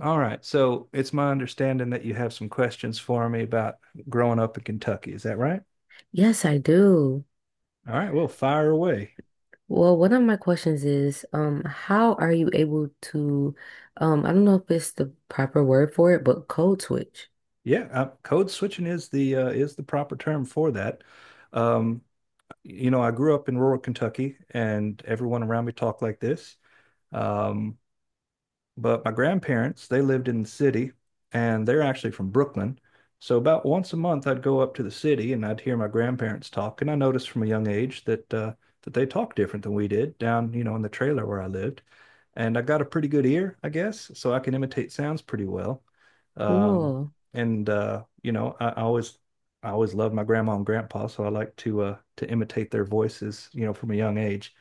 All right. So it's my understanding that you have some questions for me about growing up in Kentucky. Is that right? Yes, I do. All right. Well, fire away. Well, one of my questions is, how are you able to, I don't know if it's the proper word for it, but code switch. Yeah, code switching is the proper term for that. Um, you know, I grew up in rural Kentucky, and everyone around me talked like this. Um, But my grandparents, they lived in the city and they're actually from Brooklyn. So about once a month, I'd go up to the city and I'd hear my grandparents talk. And I noticed from a young age that that they talked different than we did down, you know, in the trailer where I lived. And I got a pretty good ear, I guess, so I can imitate sounds pretty well. Um, Cool. and you know, I always loved my grandma and grandpa, so I like to imitate their voices, you know, from a young age.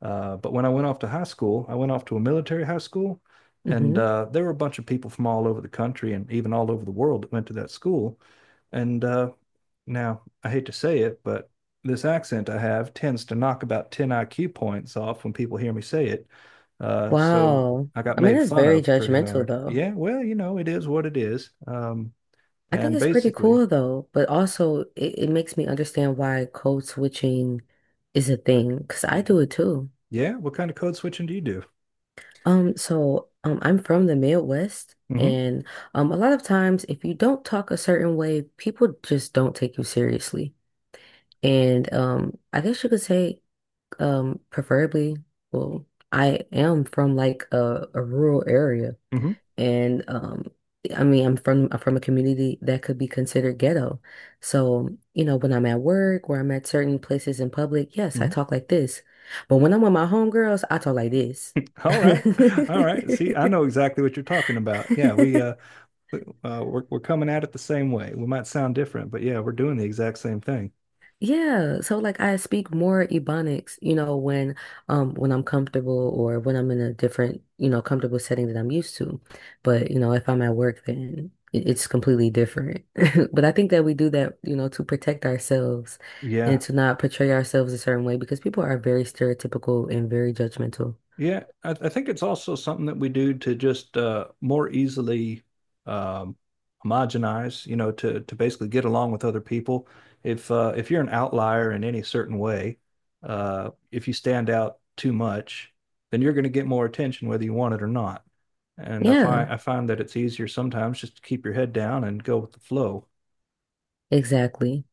But when I went off to high school, I went off to a military high school, and Hmm. uh, there were a bunch of people from all over the country and even all over the world that went to that school. And Now I hate to say it, but this accent I have tends to knock about 10 IQ points off when people hear me say it. So Wow. I got I mean, made that's fun very of pretty judgmental hard. though. Yeah, well, you know, it is what it is. I think And it's pretty basically, cool though, but also it makes me understand why code switching is a thing, because I yeah, do it too. yeah. What kind of code switching do you do? So, I'm from the Midwest hmm and, a lot of times if you don't talk a certain way, people just don't take you seriously. And I guess you could say, preferably, well, I am from like a rural area, hmm and I mean, I'm from a community that could be considered ghetto. So, you know, when I'm at work or I'm at certain places in public, yes, I hmm talk like this. But when I'm with my homegirls, I talk like this. All right. All right. See, I know exactly what you're talking about. Yeah, we uh, we- uh we're we're coming at it the same way. We might sound different, but yeah, we're doing the exact same thing. Yeah, so like I speak more Ebonics, you know, when I'm comfortable or when I'm in a different, you know, comfortable setting that I'm used to. But, you know, if I'm at work then it's completely different. But I think that we do that, you know, to protect ourselves and Yeah. to not portray ourselves a certain way because people are very stereotypical and very judgmental. Yeah, I think it's also something that we do to just more easily um, homogenize, you know, to basically get along with other people. If you're an outlier in any certain way, if you stand out too much, then you're going to get more attention whether you want it or not. And I find Yeah, I find that it's easier sometimes just to keep your head down and go with the flow. exactly.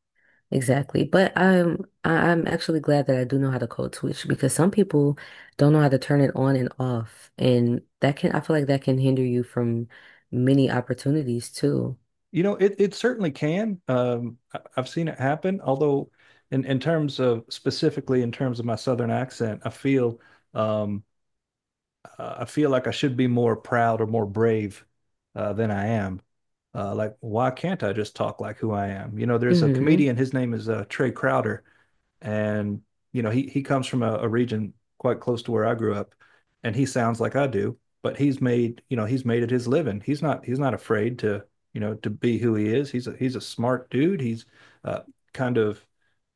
Exactly. But I'm actually glad that I do know how to code switch because some people don't know how to turn it on and off. And that can I feel like that can hinder you from many opportunities too. You know, it certainly can. I've seen it happen. Although, in terms of specifically in terms of my Southern accent, um, I feel like I should be more proud or more brave than I am. Like, why can't I just talk like who I am? You know, there's a Hmm. comedian. His name is Trey Crowder, and you know he comes from a region quite close to where I grew up, and he sounds like I do, but he's made it his living. He's not afraid to you know to be who he is. He's a smart dude. He's uh, Kind of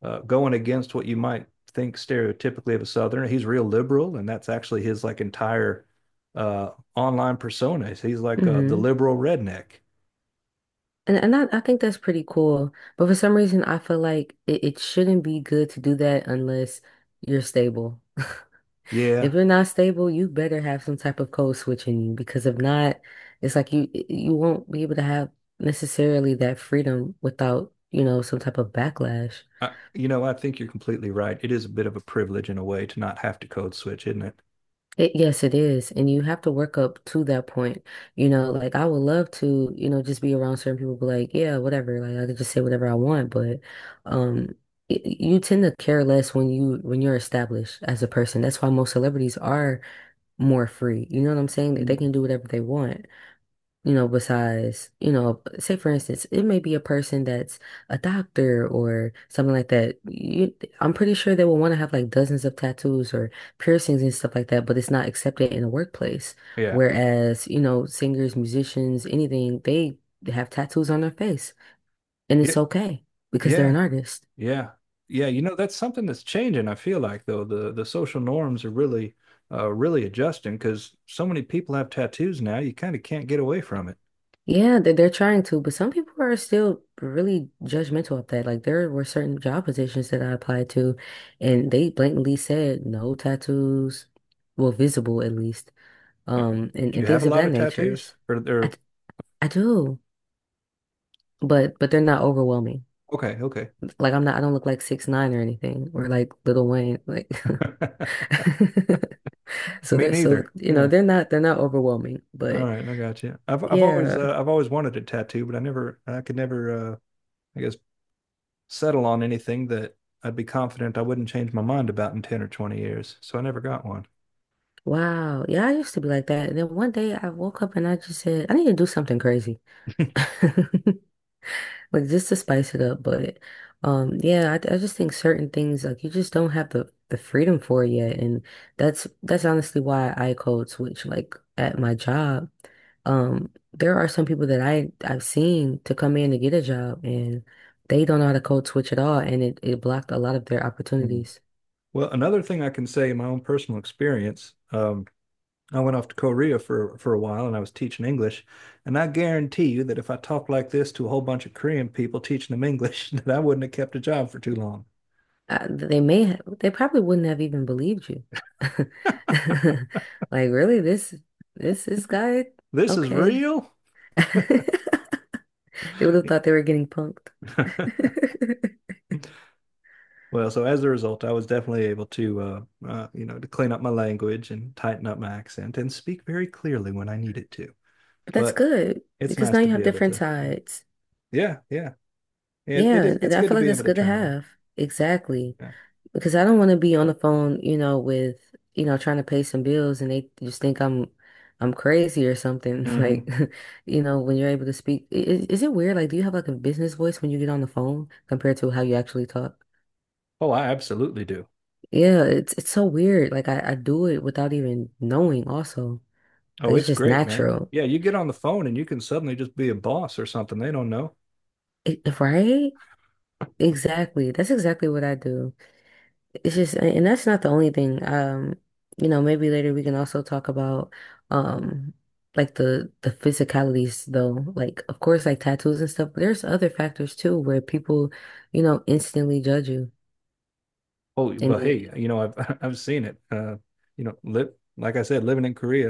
going against what you might think stereotypically of a southerner. He's real liberal, and that's actually his like entire online persona. He's like the Hmm. liberal redneck. And I think that's pretty cool. But for some reason I feel like it shouldn't be good to do that unless you're stable. Yeah, If you're not stable, you better have some type of code switch in you because if not, it's like you won't be able to have necessarily that freedom without, you know, some type of backlash. You know I think you're completely right. It is a bit of a privilege in a way to not have to code switch, isn't it? It, yes, it is. And you have to work up to that point. You know, like I would love to, you know, just be around certain people, be like, yeah, whatever. Like I could just say whatever I want, but um you tend to care less when you're established as a person. That's why most celebrities are more free. You know what I'm saying? They Mm. can do whatever they want. You know, besides, you know, say for instance, it may be a person that's a doctor or something like that. I'm pretty sure they will want to have like dozens of tattoos or piercings and stuff like that, but it's not accepted in the workplace. Yeah. Whereas, you know, singers, musicians, anything, they have tattoos on their face and Yeah. it's okay because they're an Yeah. artist. Yeah. Yeah. You know, that's something that's changing, I feel like though. The social norms are really really adjusting because so many people have tattoos now, you kind of can't get away from it. Yeah, they're trying to, but some people are still really judgmental of that. Like there were certain job positions that I applied to, and they blatantly said no tattoos, well, visible at least, What- and, Do you and have things a of lot that of nature. tattoos? Or I they're d- I do, but they're not overwhelming. okay, okay. Like I don't look like six nine or anything, or like Little Wayne, like. So Me they're so neither. you know Yeah. they're not overwhelming, All but right, I got you. Yeah. I've always wanted a tattoo, but I could never I guess settle on anything that I'd be confident I wouldn't change my mind about in 10 or 20 years. So I never got one. Wow. Yeah, I used to be like that. And then one day I woke up and I just said, I need to do something crazy. Like just to spice it up. But yeah, I just think certain things like you just don't have the freedom for it yet. And that's honestly why I code switch like at my job. There are some people that I've seen to come in to get a job and they don't know how to code switch at all and it blocked a lot of their opportunities. Well, another thing I can say in my own personal experience, I went off to Korea for a while and I was teaching English, and I guarantee you that if I talked like this to a whole bunch of Korean people teaching them English, that I wouldn't have kept a job for too long. They may have, they probably wouldn't have even believed you. Like, really, this this guy? This is Okay. real. They would have thought they were getting punked. Well, so as a result, I was definitely able to, you know, to clean up my language and tighten up my accent and speak very clearly when I needed to. But that's But good it's because nice now to you have be able different to, sides. yeah, yeah, it Yeah, is. and It's I good to feel like be that's able to good to turn it on. have. Exactly. Yeah. Because I don't want to be on the phone, you know, with, you know, trying to pay some bills and they just think I'm crazy or something. Like, Hmm. you know, when you're able to speak, is it weird? Like, do you have like a business voice when you get on the phone compared to how you actually talk? Oh, I absolutely do. Yeah, it's so weird. Like I do it without even knowing also. Oh, Like it's it's just great, man. natural. Yeah, you get on the phone and you can suddenly just be a boss or something. They don't know. Right? Exactly. That's exactly what I do. And that's not the only thing. You know, maybe later we can also talk about um like the physicalities though. Like of course like tattoos and stuff, but there's other factors too where people, you know, instantly judge you. Oh, And well, you hey, you know, I've I've seen it. You know, li Like I said, living in Korea,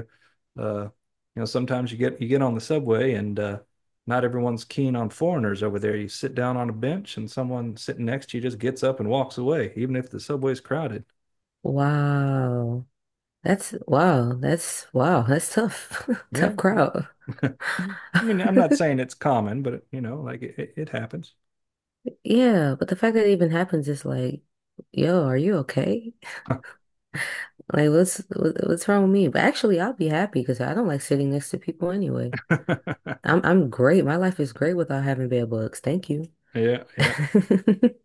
you know, sometimes you get on the subway and not everyone's keen on foreigners over there. You sit down on a bench and someone sitting next to you just gets up and walks away, even if the subway's crowded. Wow. That's wow, that's wow, that's tough. Yeah, Tough yeah. crowd. I mean, I'm not saying it's common, but you know, like it happens. Yeah, but the fact that it even happens is like, yo, are you okay? Like what's wrong with me? But actually I'll be happy because I don't like sitting next to people anyway. Yeah, I'm great. My life is great without having bed bugs. Thank you. yeah,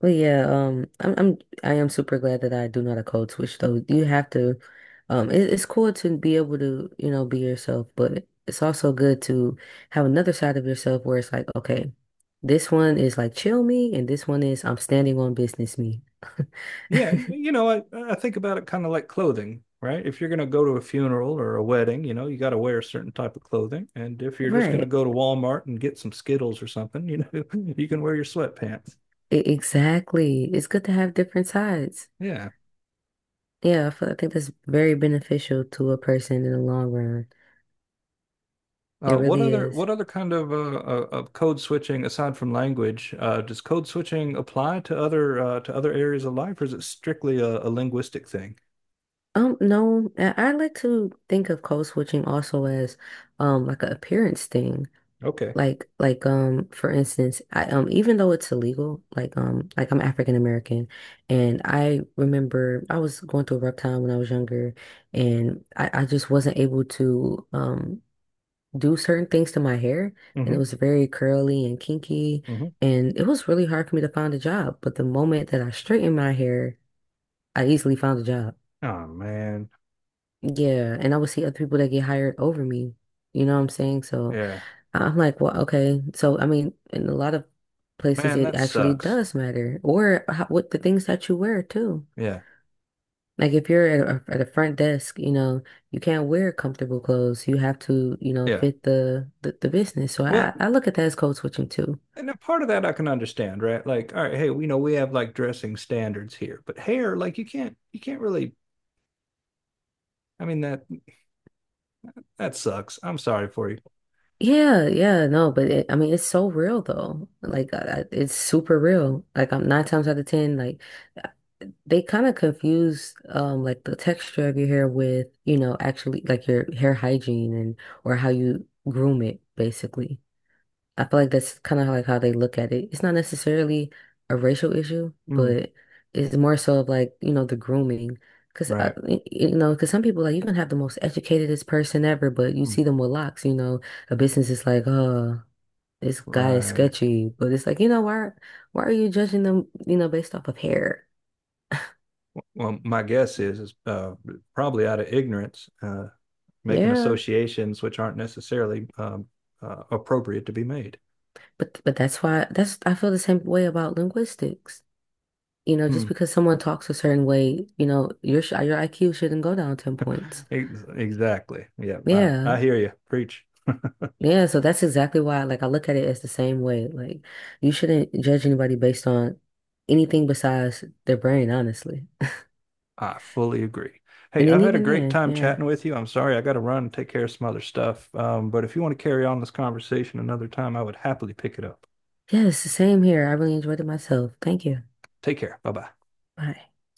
But yeah, I am super glad that I do not a code switch though. You have to, it's cool to be able to, you know, be yourself, but it's also good to have another side of yourself where it's like, okay, this one is like chill me, and this one is I'm standing on business me. yeah. You know, I think about it kind of like clothing, right? If you're going to go to a funeral or a wedding, you know, you got to wear a certain type of clothing. And if you're just going to Right. go to Walmart and get some Skittles or something, you know, you can wear your sweatpants. Exactly. It's good to have different sides. Yeah. Yeah, I feel, I think that's very beneficial to a person in the long run. It Uh, what really other is. what other kind of code switching aside from language does code switching apply to other areas of life, or is it strictly a linguistic thing? No, I like to think of code switching also as like an appearance thing. Okay. For instance, I even though it's illegal, I'm African American and I remember I was going through a rough time when I was younger and I just wasn't able to do certain things to my hair and Mm-hmm. it was very curly and kinky Mm-hmm. and it was really hard for me to find a job. But the moment that I straightened my hair, I easily found a job. Oh man. Yeah, and I would see other people that get hired over me. You know what I'm saying? So Yeah. I'm like, well, okay. So I mean, in a lot of places, Man, it that actually sucks. does matter, or what the things that you wear too. Yeah. Like if you're at a front desk, you know, you can't wear comfortable clothes. You have to, you know, Yeah. fit the business. So Well, I look at that as code switching too. and a part of that I can understand, right? Like, all right, hey, we know we have like dressing standards here, but hair, like you can't really I mean that that sucks. I'm sorry for you. Yeah, yeah, no, but I mean, it's so real though. Like, it's super real. Like, I'm nine times out of ten, like. They kind of confuse like the texture of your hair with, you know, actually like your hair hygiene and or how you groom it, basically. I feel like that's kind of like how they look at it. It's not necessarily a racial issue, Hmm. but it's more so of like, you know, the grooming. Because, Right. because, some people, like, you can have the most educatedest person ever, but you Hmm. see them with locks, you know, a business is like, oh, this guy is Right. sketchy. But it's like, you know, why are you judging them, you know, based off of hair? Well, my guess is probably out of ignorance, making Yeah. associations which aren't necessarily appropriate to be made. But that's I feel the same way about linguistics. You know, Hmm. just because someone talks a certain way, you know, your IQ shouldn't go down 10 points. Ex- Exactly. Yeah. Yeah. I hear you. Preach. Yeah, so that's exactly why like I look at it as the same way. Like you shouldn't judge anybody based on anything besides their brain, honestly. I fully agree. Hey, And I've then had a even great then, time yeah. chatting with you. I'm sorry I got to run and take care of some other stuff. But if you want to carry on this conversation another time, I would happily pick it up. Yes, same here. I really enjoyed it myself. Thank you. Take care. Bye bye. Bye.